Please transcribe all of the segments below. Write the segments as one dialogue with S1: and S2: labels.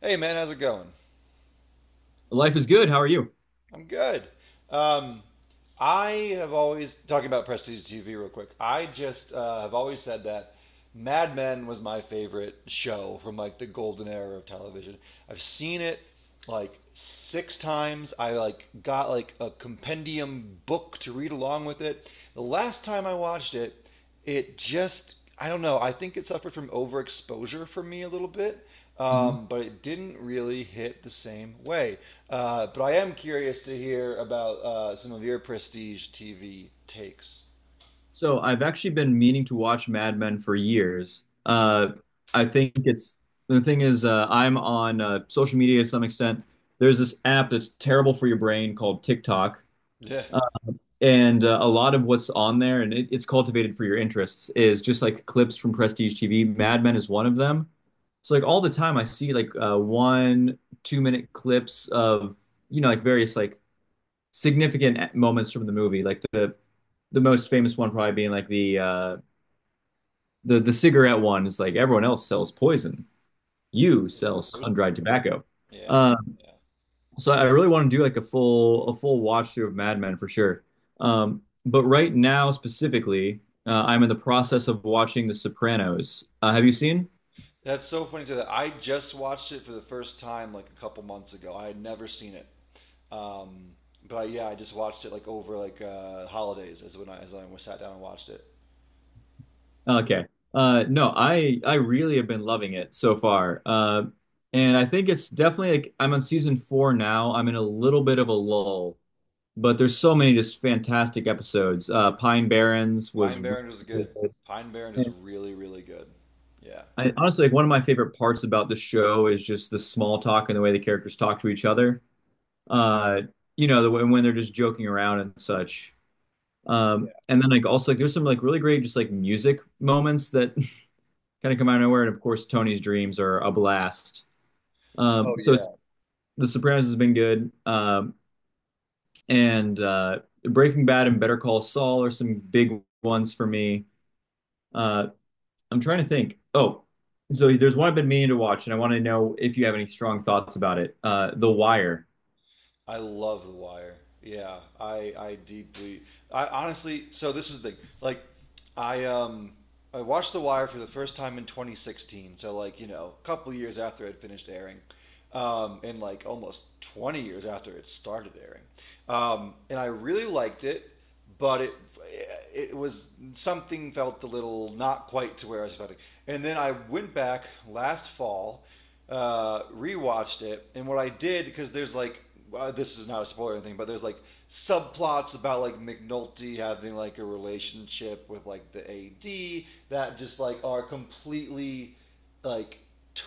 S1: Hey man, how's it going?
S2: Life is good. How are you?
S1: I'm good. Um, I have always talking about prestige TV real quick. I just have always said that Mad Men was my favorite show from like the golden era of television. I've seen it like six times. I like got like a compendium book to read along with it. The last time I watched it, it just I don't know. I think it suffered from overexposure for me a little bit,
S2: Mhm.
S1: but it didn't really hit the same way. But I am curious to hear about some of your prestige TV takes.
S2: So I've actually been meaning to watch Mad Men for years.
S1: Mm.
S2: I think it's the thing is I'm on social media to some extent. There's this app that's terrible for your brain called TikTok,
S1: Yeah,
S2: uh, and a lot of what's on there and it's cultivated for your interests is just like clips from prestige TV. Mad Men is one of them. So like all the time I see like one, 2 minute clips of you know like various like significant moments from the movie. Like the most famous one probably being like the cigarette one is like everyone else sells poison, you
S1: it's
S2: sell sun
S1: toasted.
S2: dried tobacco.
S1: yeah,
S2: Um,
S1: yeah.
S2: so I really want to do like a full watch through of Mad Men for sure. But right now specifically, I'm in the process of watching The Sopranos. Have you seen?
S1: That's so funny to that. I just watched it for the first time like a couple months ago. I had never seen it. Um, but yeah, I just watched it like over like holidays is when I, sat down and watched it.
S2: Okay. No, I really have been loving it so far. And I think it's definitely like I'm on season four now. I'm in a little bit of a lull, but there's so many just fantastic episodes. Pine Barrens was
S1: Pine
S2: really
S1: Barrens was
S2: good.
S1: good. Pine Barrens is
S2: And
S1: really, really good. Yeah.
S2: honestly like one of my favorite parts about the show is just the small talk and the way the characters talk to each other. Uh, you know, the way when they're just joking around and such.
S1: Yeah.
S2: And then like also like there's some like really great just like music moments that kind of come out of nowhere. And of course, Tony's dreams are a blast.
S1: Oh
S2: So
S1: yeah.
S2: The Sopranos has been good, and Breaking Bad and Better Call Saul are some big ones for me. Uh, I'm trying to think. Oh, so there's one I've been meaning to watch, and I want to know if you have any strong thoughts about it. The Wire.
S1: I love The Wire. Yeah. I deeply I honestly, so this is the thing. Like I I watched The Wire for the first time in 2016, so like, you know, a couple years after it finished airing. And like almost 20 years after it started airing. And I really liked it. But it was something felt a little not quite to where I was expecting. And then I went back last fall, rewatched it, and what I did because there's like this is not a spoiler or anything, but there's like subplots about like McNulty having like a relationship with like the AD that just like are completely like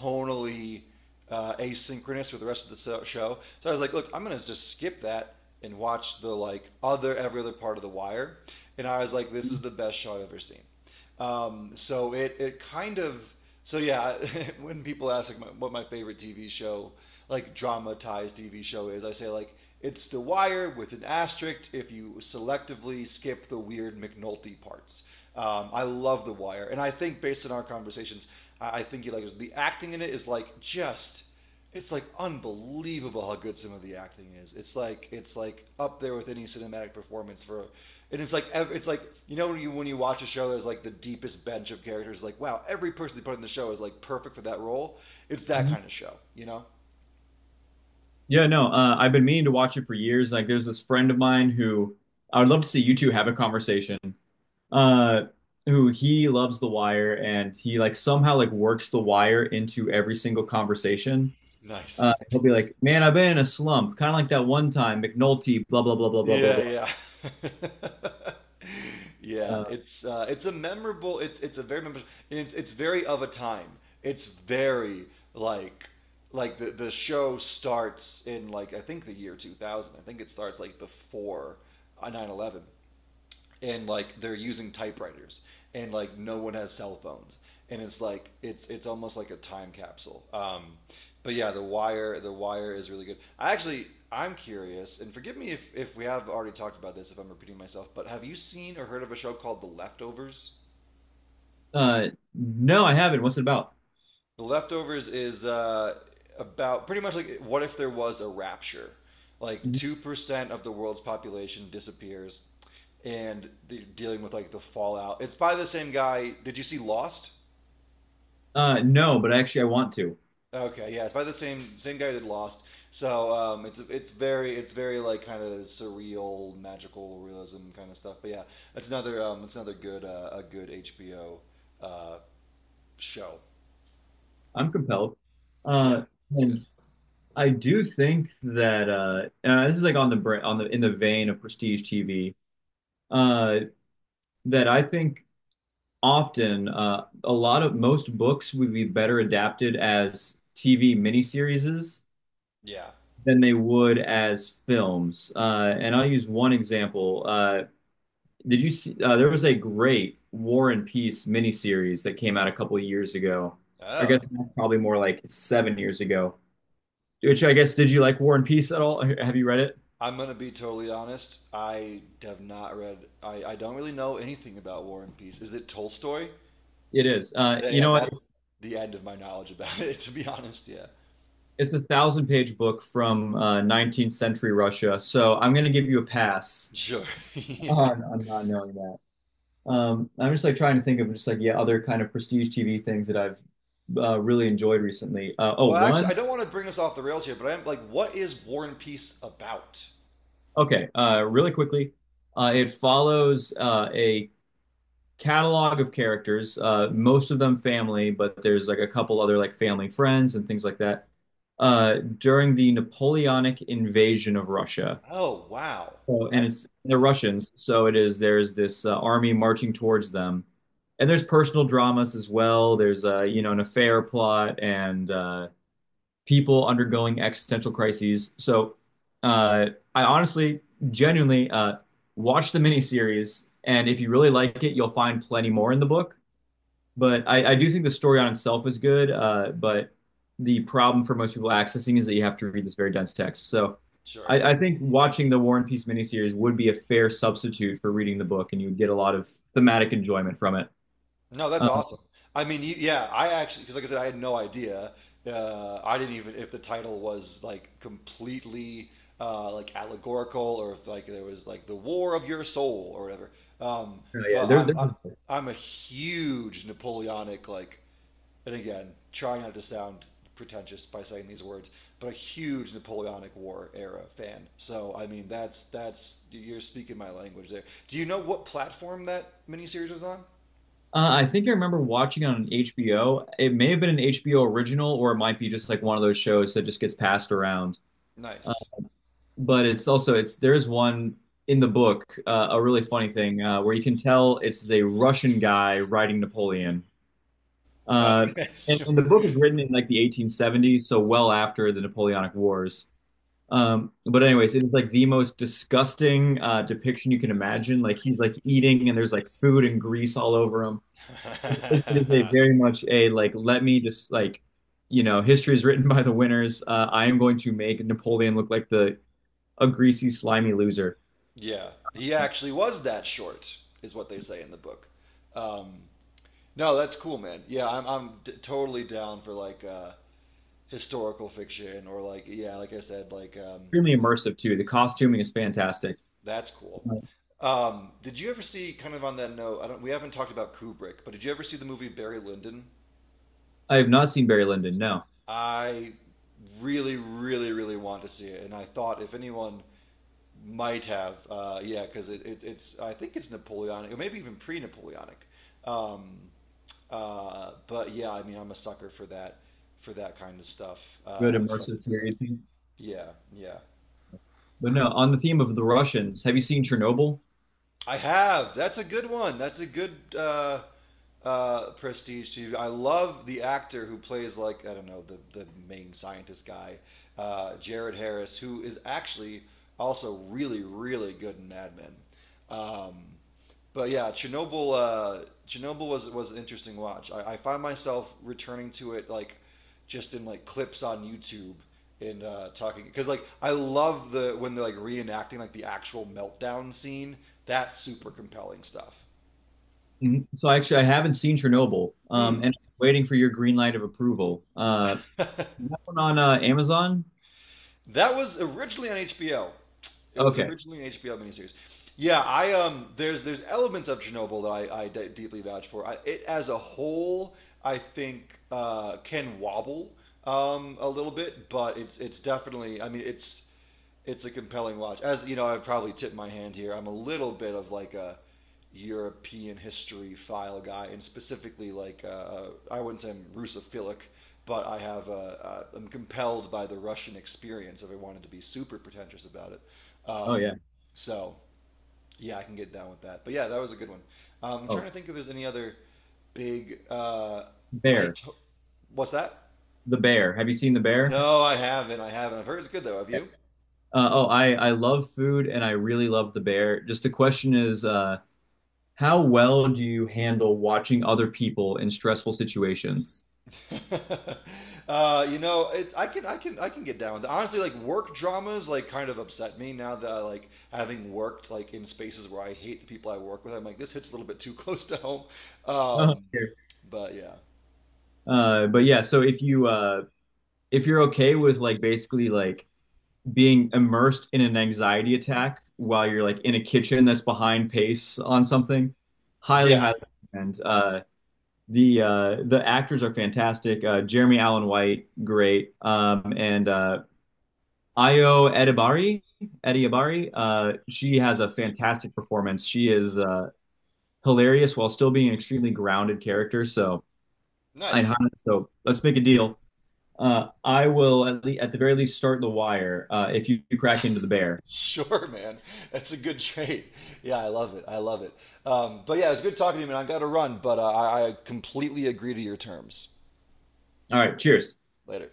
S1: tonally asynchronous with the rest of the show. So I was like, look, I'm gonna just skip that and watch the like other every other part of the wire. And I was like, this is the best show I've ever seen. So it it kind of so Yeah. When people ask like what my favorite TV show, like dramatized TV show is, I say like. It's The Wire with an asterisk if you selectively skip the weird McNulty parts. I love The Wire, and I think based on our conversations, I think you like it. The acting in it is like just. It's like unbelievable how good some of the acting is. It's like up there with any cinematic performance for, and it's like you know when you watch a show there's like the deepest bench of characters like wow every person they put in the show is like perfect for that role. It's that
S2: Mhm.
S1: kind of show, you know.
S2: Yeah, no, I've been meaning to watch it for years. Like, there's this friend of mine who I would love to see you two have a conversation uh who he loves The Wire and he like somehow like works The Wire into every single conversation.
S1: Nice.
S2: He'll be like, "Man, I've been in a slump," kind of like that one time McNulty, blah blah blah blah blah blah
S1: Yeah,
S2: blah.
S1: yeah. Yeah,
S2: Uh,
S1: it's it's a memorable. It's a very memorable. It's very of a time. It's very like like the show starts in like I think the year 2000. I think it starts like before 9/11, and like they're using typewriters, and like no one has cell phones, and it's like it's almost like a time capsule. But yeah, the wire is really good. I actually I'm curious, and forgive me if we have already talked about this, if I'm repeating myself, but have you seen or heard of a show called the leftovers?
S2: uh, no, I haven't. What's it about?
S1: The leftovers is about pretty much like what if there was a rapture? Like 2% of the world's population disappears, and dealing with like the fallout. It's by the same guy. Did you see Lost?
S2: No, but actually, I want to.
S1: Okay, yeah, it's by the same guy that Lost. So it's it's very like kind of surreal, magical realism kind of stuff. But yeah, that's another it's another good a good HBO uh, show.
S2: I'm compelled,
S1: Yeah,
S2: uh,
S1: it's
S2: and
S1: good.
S2: I do think that this is like on the in the vein of prestige TV. Uh, that I think often. A lot of most books would be better adapted as TV miniseries
S1: Yeah.
S2: than they would as films. And I'll use one example. Did you see? There was a great War and Peace miniseries that came out a couple of years ago. I guess
S1: Oh.
S2: probably more like 7 years ago. Which I guess, did you like War and Peace at all? Have you read it?
S1: I'm gonna be totally honest. I have not read. I don't really know anything about War and Peace. Is it Tolstoy?
S2: It is. You
S1: Yeah,
S2: know what?
S1: that's the end of my knowledge about it. To be honest, yeah.
S2: It's a thousand page book from 19th century Russia. So I'm going to give you a pass
S1: Sure. Yeah.
S2: on not knowing that. I'm just like trying to think of just like yeah, other kind of prestige TV things that I've really enjoyed recently. Oh,
S1: Well, actually,
S2: one.
S1: I don't want to bring us off the rails here, but I'm like, what is War and Peace about?
S2: Okay, really quickly, it follows a catalog of characters, most of them family, but there's like a couple other like family friends and things like that. During the Napoleonic invasion of Russia,
S1: Oh, wow.
S2: so, and
S1: That's
S2: it's they're
S1: yeah.
S2: Russians, so it is. There's this army marching towards them, and there's personal dramas as well. There's you know an affair plot and people undergoing existential crises. So, uh, I genuinely, watch the miniseries, and if you really like it, you'll find plenty more in the book. But I do think the story on itself is good. But the problem for most people accessing is that you have to read this very dense text. So
S1: Sure.
S2: I think watching the War and Peace miniseries would be a fair substitute for reading the book, and you would get a lot of thematic enjoyment from it.
S1: No, that's
S2: Um,
S1: awesome. I mean, you, yeah, I actually because like I said, I had no idea. I didn't even if the title was like completely like allegorical or if like there was like the war of your soul or whatever. Um,
S2: so yeah,
S1: but I'm
S2: there's.
S1: I,
S2: A-
S1: I'm a huge Napoleonic like, and again, trying not to sound pretentious by saying these words, but a huge Napoleonic War era fan. So I mean, that's you're speaking my language there. Do you know what platform that miniseries was on?
S2: I think I remember watching it on HBO. It may have been an HBO original, or it might be just like one of those shows that just gets passed around.
S1: Nice.
S2: But it's also it's there's one in the book a really funny thing where you can tell it's a Russian guy writing Napoleon. Uh,
S1: Okay,
S2: and,
S1: sure.
S2: and the book is written in like the 1870s, so well after the Napoleonic Wars. But anyways, it is like the most disgusting depiction you can imagine. Like he's like eating and there's like food and grease all over him. It is a very much a like let me just like you know history is written by the winners. I am going to make Napoleon look like the a greasy slimy loser.
S1: Yeah, he actually was that short, is what they say in the book. Um, no, that's cool, man. Yeah, totally down for like historical fiction or like yeah, like I said, like
S2: Extremely immersive too. The costuming is fantastic.
S1: that's cool. Did you ever see kind of on that note? I don't. We haven't talked about Kubrick, but did you ever see the movie Barry Lyndon?
S2: I have not seen Barry Lyndon. No,
S1: I really, really, really want to see it, and I thought if anyone might have, yeah, because it's I think it's Napoleonic, or maybe even pre-Napoleonic. Um, but yeah, I mean, I'm a sucker for that kind of stuff.
S2: good
S1: Sucker
S2: immersive
S1: for that.
S2: period things.
S1: Yeah, yeah.
S2: But no, on the theme of the Russians, have you seen Chernobyl?
S1: I have. That's a good one. That's a good prestige TV. I love the actor who plays like I don't know the main scientist guy, Jared Harris, who is actually also really really good in Mad Men. Um, But yeah, Chernobyl. Chernobyl was an interesting watch. I find myself returning to it like just in like clips on YouTube, and talking because like I love the when they're like reenacting like the actual meltdown scene. That's super compelling stuff.
S2: Mhm. So actually, I haven't seen Chernobyl,
S1: Hmm.
S2: and I'm waiting for your green light of approval. That one on Amazon?
S1: That was originally on HBO. It was
S2: Okay.
S1: originally an HBO miniseries. Yeah, I there's elements of Chernobyl that deeply vouch for. It as a whole, I think can wobble a little bit, but it's definitely. I mean, it's a compelling watch. As you know, I probably tip my hand here. I'm a little bit of like a European history file guy, and specifically like I wouldn't say I'm Russophilic, but I have I'm compelled by the Russian experience. If I wanted to be super pretentious about it,
S2: Oh
S1: um,
S2: yeah.
S1: so yeah, I can get down with that. But yeah, that was a good one. I'm trying
S2: Oh,
S1: to think if there's any other big. I
S2: Bear,
S1: to- what's that?
S2: the Bear. Have you seen the Bear?
S1: No, I haven't. I haven't. I've heard it's good though. Have
S2: Okay.
S1: you?
S2: Oh, I love food and I really love the Bear. Just the question is, how well do you handle watching other people in stressful situations?
S1: You know, it, I can get down with it. Honestly, like work dramas, like kind of upset me now that I, like having worked like in spaces where I hate the people I work with. I'm like, this hits a little bit too close to home.
S2: Uh-huh.
S1: Um,
S2: Here.
S1: but
S2: But yeah, so if you if you're okay with like basically like being immersed in an anxiety attack while you're like in a kitchen that's behind pace on something, highly,
S1: yeah,
S2: highly recommend. The the actors are fantastic. Uh, Jeremy Allen White, great. And Ayo Edibari, uh, she has a fantastic performance. She is hilarious while still being an extremely grounded character, I
S1: nice.
S2: so let's make a deal. I will le at the very least start the wire if you crack into the bear.
S1: Sure, man. That's a good trait. Yeah, I love it. I love it. But yeah, it's good talking to you, man. I got to run, but I completely agree to your terms.
S2: All right, cheers.
S1: Later.